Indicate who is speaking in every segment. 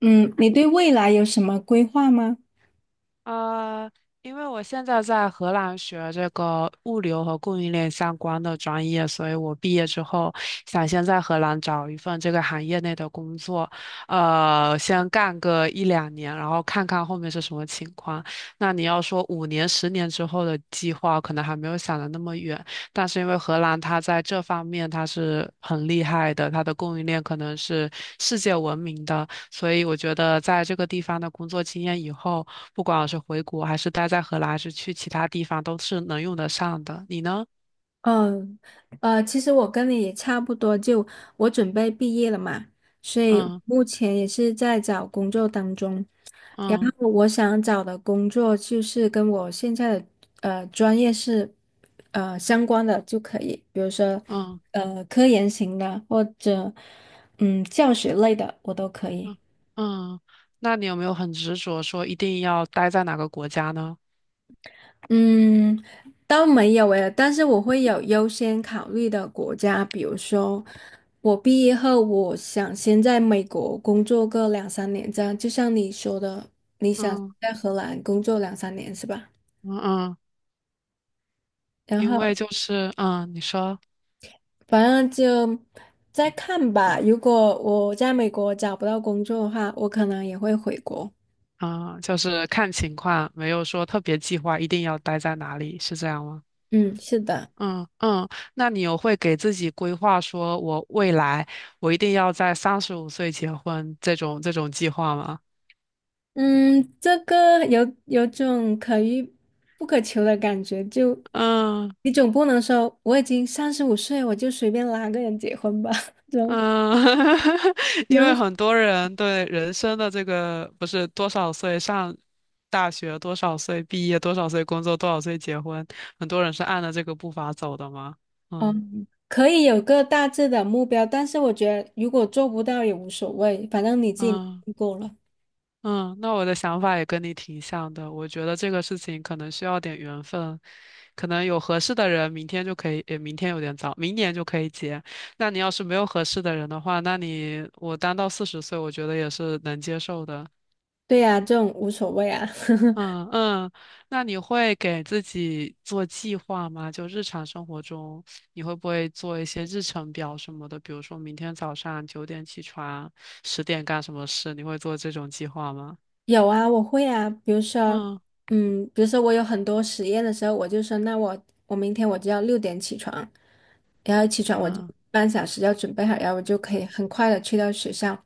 Speaker 1: 嗯，你对未来有什么规划吗？
Speaker 2: 呃，因为我现在在荷兰学这个物流和供应链相关的专业，所以我毕业之后想先在荷兰找一份这个行业内的工作，先干个一两年，然后看看后面是什么情况。那你要说5年、十年之后的计划，可能还没有想的那么远，但是因为荷兰它在这方面它是很厉害的，它的供应链可能是世界闻名的。所以我觉得在这个地方的工作经验以后，不管我是回国还是待在荷兰，还是去其他地方，都是能用得上的。你呢？
Speaker 1: 嗯，其实我跟你也差不多，就我准备毕业了嘛，所以
Speaker 2: 嗯
Speaker 1: 目前也是在找工作当中。然
Speaker 2: 嗯
Speaker 1: 后我想找的工作就是跟我现在的专业是相关的就可以，比如说
Speaker 2: 嗯
Speaker 1: 科研型的或者教学类的，我都可
Speaker 2: 嗯
Speaker 1: 以。
Speaker 2: 嗯，那你有没有很执着说一定要待在哪个国家呢？
Speaker 1: 嗯，倒没有诶，但是我会有优先考虑的国家，比如说我毕业后，我想先在美国工作个两三年，这样就像你说的，你想
Speaker 2: 嗯
Speaker 1: 在荷兰工作两三年是吧？
Speaker 2: 嗯嗯，
Speaker 1: 然
Speaker 2: 因为
Speaker 1: 后
Speaker 2: 就是你说
Speaker 1: 反正就再看吧。如果我在美国找不到工作的话，我可能也会回国。
Speaker 2: 嗯，就是看情况，没有说特别计划一定要待在哪里，是这样吗？
Speaker 1: 嗯，是的。
Speaker 2: 嗯嗯，那你有会给自己规划说，我未来我一定要在35岁结婚这种计划吗？
Speaker 1: 嗯，这个有种可遇不可求的感觉，就
Speaker 2: 嗯
Speaker 1: 你总不能说我已经35岁，我就随便拉个人结婚吧？
Speaker 2: 嗯，
Speaker 1: 就
Speaker 2: 因
Speaker 1: 能，
Speaker 2: 为很多人对人生的这个不是多少岁上大学，多少岁毕业，多少岁工作，多少岁结婚，很多人是按着这个步伐走的吗？嗯
Speaker 1: 嗯，可以有个大致的目标，但是我觉得如果做不到也无所谓，反正你自己努
Speaker 2: 嗯。
Speaker 1: 力过了。
Speaker 2: 嗯，那我的想法也跟你挺像的。我觉得这个事情可能需要点缘分，可能有合适的人，明天就可以，也明天有点早，明年就可以结。那你要是没有合适的人的话，那你我单到40岁，我觉得也是能接受的。
Speaker 1: 对呀，这种无所谓啊。
Speaker 2: 嗯嗯，那你会给自己做计划吗？就日常生活中，你会不会做一些日程表什么的？比如说明天早上9点起床，10点干什么事？你会做这种计划吗？
Speaker 1: 有啊，我会啊。比如说，
Speaker 2: 嗯
Speaker 1: 我有很多实验的时候，我就说，那我明天我就要6点起床，然后起床我就
Speaker 2: 嗯。
Speaker 1: 半小时要准备好，然后我就可以很快的去到学校，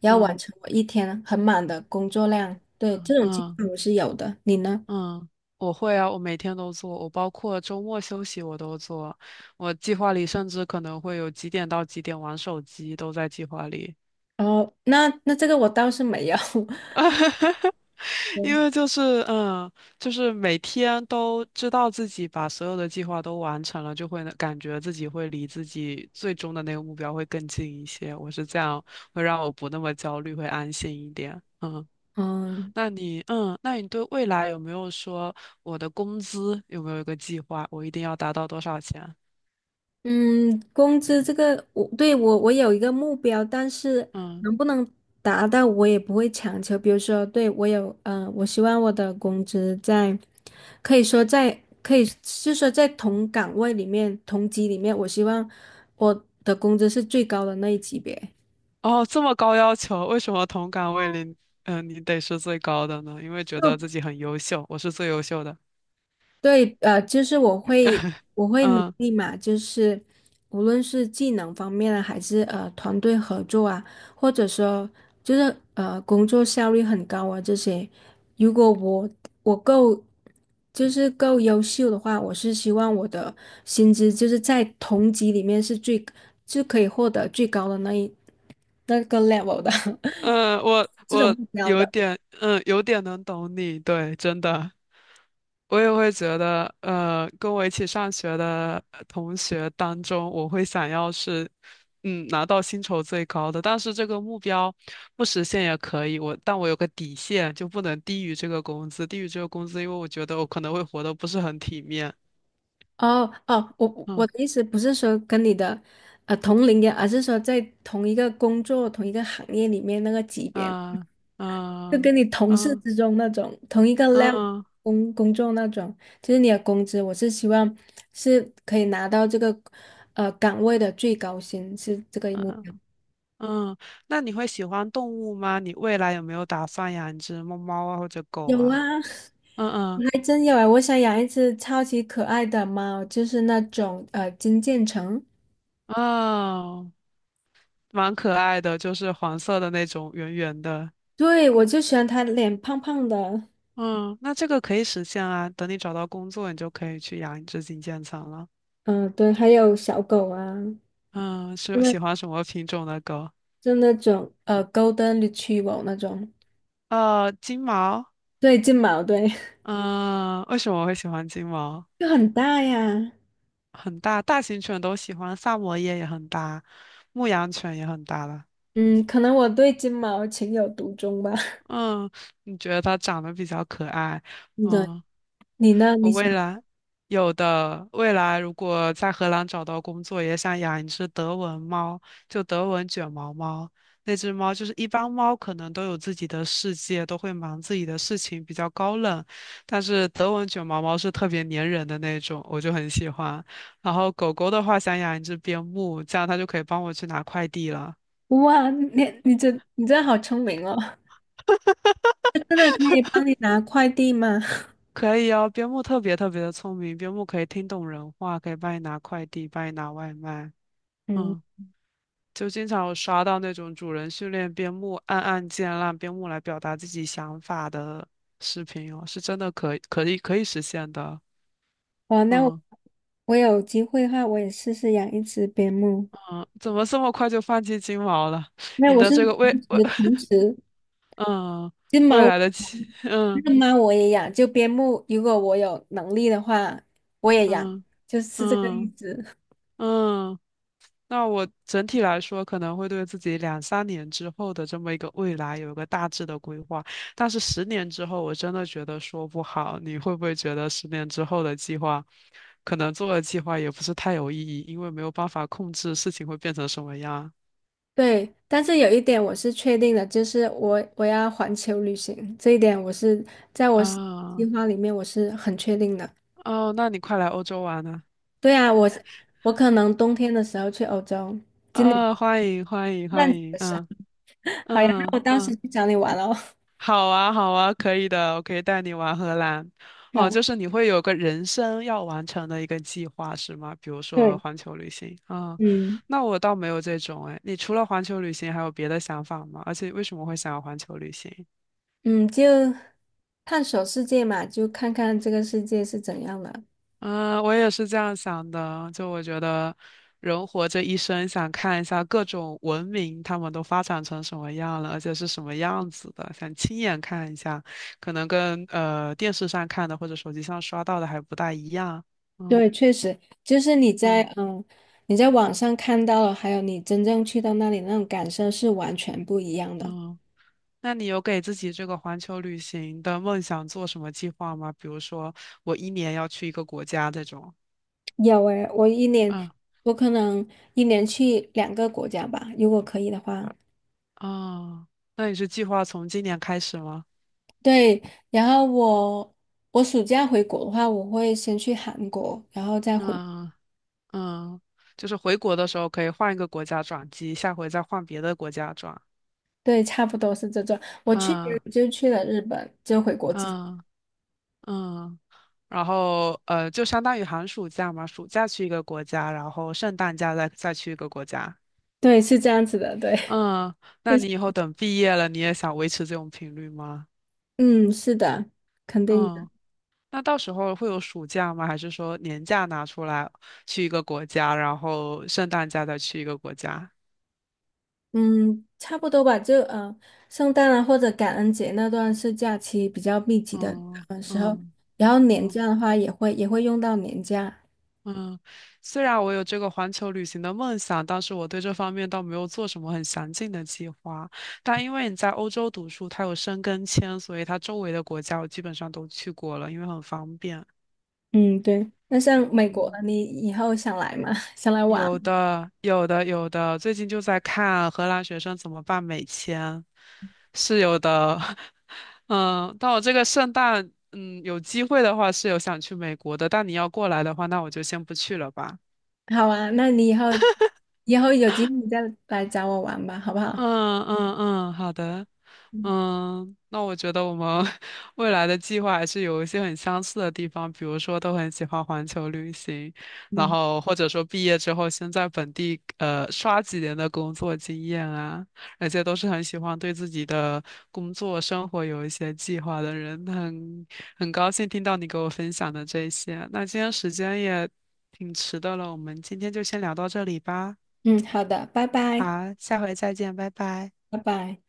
Speaker 1: 然后完
Speaker 2: 嗯
Speaker 1: 成我一天很满的工作量。对，
Speaker 2: 嗯
Speaker 1: 这种情
Speaker 2: 嗯
Speaker 1: 况我是有的，你呢？
Speaker 2: 嗯，我会啊，我每天都做，我包括周末休息我都做。我计划里甚至可能会有几点到几点玩手机都在计划里，
Speaker 1: 哦，那这个我倒是没有，
Speaker 2: 因为就是嗯，就是每天都知道自己把所有的计划都完成了，就会感觉自己会离自己最终的那个目标会更近一些。我是这样，会让我不那么焦虑，会安心一点。嗯。
Speaker 1: 嗯，
Speaker 2: 那你，嗯，那你对未来有没有说我的工资有没有一个计划？我一定要达到多少钱？
Speaker 1: 嗯，工资这个我对我有一个目标，但是
Speaker 2: 嗯，
Speaker 1: 能不能达到我也不会强求。比如说，对我有我希望我的工资在可以是说在同岗位里面同级里面，我希望我的工资是最高的那一级别。
Speaker 2: 哦，这么高要求，为什么同岗位里，嗯，你得是最高的呢？因为觉得自己很优秀，我是最优秀的。
Speaker 1: 对，就是我会 我会努
Speaker 2: 嗯
Speaker 1: 力嘛，就是无论是技能方面啊，还是团队合作啊，或者说就是工作效率很高啊这些，如果我够就是够优秀的话，我是希望我的薪资就是在同级里面就可以获得最高的那个 level 的
Speaker 2: 嗯，我
Speaker 1: 这种
Speaker 2: 我
Speaker 1: 目标
Speaker 2: 有
Speaker 1: 的。
Speaker 2: 点，嗯，有点能懂你，对，真的，我也会觉得，呃，跟我一起上学的呃同学当中，我会想要是，嗯，拿到薪酬最高的，但是这个目标不实现也可以，我，但我有个底线，就不能低于这个工资，低于这个工资，因为我觉得我可能会活得不是很体面。
Speaker 1: 哦哦，我
Speaker 2: 嗯
Speaker 1: 的意思不是说跟你的同龄人，而是说在同一个工作、同一个行业里面那个级别，
Speaker 2: 嗯
Speaker 1: 就跟
Speaker 2: 嗯
Speaker 1: 你同事
Speaker 2: 嗯
Speaker 1: 之中那种同一个 level
Speaker 2: 嗯
Speaker 1: 工作那种，就是你的工资，我是希望是可以拿到这个岗位的最高薪，是这个目
Speaker 2: 嗯。
Speaker 1: 标。
Speaker 2: 嗯，那你会喜欢动物吗？你未来有没有打算养一只猫猫啊，或者狗
Speaker 1: 有
Speaker 2: 啊？
Speaker 1: 啊，
Speaker 2: 嗯
Speaker 1: 还真有啊！我想养一只超级可爱的猫，就是那种金渐层。
Speaker 2: 嗯，哦，蛮可爱的，就是黄色的那种，圆圆的。
Speaker 1: 对，我就喜欢它脸胖胖的。
Speaker 2: 嗯，那这个可以实现啊。等你找到工作，你就可以去养一只金渐层了。
Speaker 1: 嗯、对，还有小狗啊，
Speaker 2: 嗯，
Speaker 1: 就
Speaker 2: 是
Speaker 1: 那
Speaker 2: 喜欢什么品种的狗？
Speaker 1: 就那种Golden Retriever 那种，
Speaker 2: 金毛。
Speaker 1: 对，金毛，对，
Speaker 2: 嗯，为什么我会喜欢金毛？
Speaker 1: 就很大呀。
Speaker 2: 很大，大型犬都喜欢，萨摩耶也很大，牧羊犬也很大了。
Speaker 1: 嗯，可能我对金毛情有独钟吧。
Speaker 2: 嗯，你觉得它长得比较可爱？
Speaker 1: 对，
Speaker 2: 嗯，
Speaker 1: 你呢？
Speaker 2: 我
Speaker 1: 你
Speaker 2: 未
Speaker 1: 想，
Speaker 2: 来有的，未来如果在荷兰找到工作，也想养一只德文猫，就德文卷毛猫。那只猫就是一般猫可能都有自己的世界，都会忙自己的事情，比较高冷。但是德文卷毛猫是特别粘人的那种，我就很喜欢。然后狗狗的话，想养一只边牧，这样它就可以帮我去拿快递了。
Speaker 1: 哇，你你真的好聪明哦！它真的可以帮你拿快递吗？
Speaker 2: 可以哦，边牧特别特别的聪明，边牧可以听懂人话，可以帮你拿快递，帮你拿外卖。
Speaker 1: 嗯，
Speaker 2: 嗯，就经常有刷到那种主人训练边牧按按键让边牧来表达自己想法的视频哦，是真的可以实现的。
Speaker 1: 哇，那我
Speaker 2: 嗯
Speaker 1: 我有机会的话，我也试试养一只边牧。
Speaker 2: 嗯，怎么这么快就放弃金毛了？
Speaker 1: 那
Speaker 2: 你
Speaker 1: 我
Speaker 2: 的
Speaker 1: 是
Speaker 2: 这个
Speaker 1: 同
Speaker 2: 未未
Speaker 1: 时 同时
Speaker 2: 嗯
Speaker 1: 金
Speaker 2: 未
Speaker 1: 毛
Speaker 2: 来的期嗯
Speaker 1: 那猫我也养，就边牧，如果我有能力的话，我也养，
Speaker 2: 嗯
Speaker 1: 就是这个意
Speaker 2: 嗯
Speaker 1: 思。
Speaker 2: 嗯。嗯那我整体来说可能会对自己两三年之后的这么一个未来有一个大致的规划，但是十年之后我真的觉得说不好。你会不会觉得十年之后的计划，可能做的计划也不是太有意义，因为没有办法控制事情会变成什么样
Speaker 1: 对，但是有一点我是确定的，就是我要环球旅行，这一点我是计
Speaker 2: 啊？
Speaker 1: 划里面很确定的。
Speaker 2: 哦，那你快来欧洲玩啊！
Speaker 1: 对啊，我可能冬天的时候去欧洲，今年
Speaker 2: 啊，欢迎欢迎
Speaker 1: 万
Speaker 2: 欢
Speaker 1: 子
Speaker 2: 迎，
Speaker 1: 的时候。
Speaker 2: 嗯
Speaker 1: 好呀，
Speaker 2: 嗯
Speaker 1: 那我到时
Speaker 2: 嗯。
Speaker 1: 去找你玩哦。
Speaker 2: 好啊，好啊，可以的，我可以带你玩荷兰。哦，
Speaker 1: 好，
Speaker 2: 就是你会有个人生要完成的一个计划是吗？比如说
Speaker 1: 对，
Speaker 2: 环球旅行啊，
Speaker 1: 嗯
Speaker 2: 那我倒没有这种哎。你除了环球旅行还有别的想法吗？而且为什么会想要环球旅行？
Speaker 1: 嗯，就探索世界嘛，就看看这个世界是怎样的。
Speaker 2: 嗯，我也是这样想的。就我觉得，人活这一生，想看一下各种文明他们都发展成什么样了，而且是什么样子的，想亲眼看一下，可能跟电视上看的或者手机上刷到的还不大一样。嗯
Speaker 1: 对，确实，就是你在
Speaker 2: 嗯
Speaker 1: 嗯，你在网上看到了，还有你真正去到那里那种感受是完全不一样的。
Speaker 2: 嗯。那你有给自己这个环球旅行的梦想做什么计划吗？比如说，我一年要去一个国家这种。
Speaker 1: 有诶，
Speaker 2: 嗯
Speaker 1: 我可能一年去2个国家吧，如果可以的话。
Speaker 2: 哦，那你是计划从今年开始吗？
Speaker 1: 对，然后我暑假回国的话，我会先去韩国，然后再回。
Speaker 2: 嗯嗯，就是回国的时候可以换一个国家转机，下回再换别的国家转。
Speaker 1: 对，差不多是这种。我去年
Speaker 2: 嗯
Speaker 1: 就去了日本，就回国之。
Speaker 2: 嗯嗯，然后就相当于寒暑假嘛，暑假去一个国家，然后圣诞假再去一个国家。
Speaker 1: 对，是这样子的，对，
Speaker 2: 嗯，那你以后等毕业了，你也想维持这种频率吗？
Speaker 1: 嗯，是的，肯定。的。
Speaker 2: 嗯，那到时候会有暑假吗？还是说年假拿出来去一个国家，然后圣诞假再去一个国家？
Speaker 1: 嗯，差不多吧，就圣诞啊或者感恩节那段是假期比较密集的，
Speaker 2: 嗯嗯
Speaker 1: 然后年
Speaker 2: 嗯。
Speaker 1: 假的话也会用到年假。
Speaker 2: 嗯，虽然我有这个环球旅行的梦想，但是我对这方面倒没有做什么很详尽的计划。但因为你在欧洲读书，它有申根签，所以它周围的国家我基本上都去过了，因为很方便。
Speaker 1: 嗯，对。那像美国，
Speaker 2: 嗯，
Speaker 1: 你以后想来吗？想来玩？
Speaker 2: 有的，有的，有的。最近就在看荷兰学生怎么办美签，是有的。嗯，但我这个圣诞，嗯，有机会的话是有想去美国的，但你要过来的话，那我就先不去了吧。
Speaker 1: 好啊，那你以后有机会你再来找我玩吧，好不好？
Speaker 2: 嗯嗯嗯，好的。
Speaker 1: 嗯
Speaker 2: 嗯，那我觉得我们 未来的计划还是有一些很相似的地方，比如说都很喜欢环球旅行，然
Speaker 1: 嗯，
Speaker 2: 后或者说毕业之后先在本地刷几年的工作经验啊，而且都是很喜欢对自己的工作生活有一些计划的人，很高兴听到你给我分享的这些。那今天时间也挺迟的了，我们今天就先聊到这里吧。
Speaker 1: 嗯，好的，拜
Speaker 2: 好，
Speaker 1: 拜，
Speaker 2: 下回再见，拜拜。
Speaker 1: 拜拜。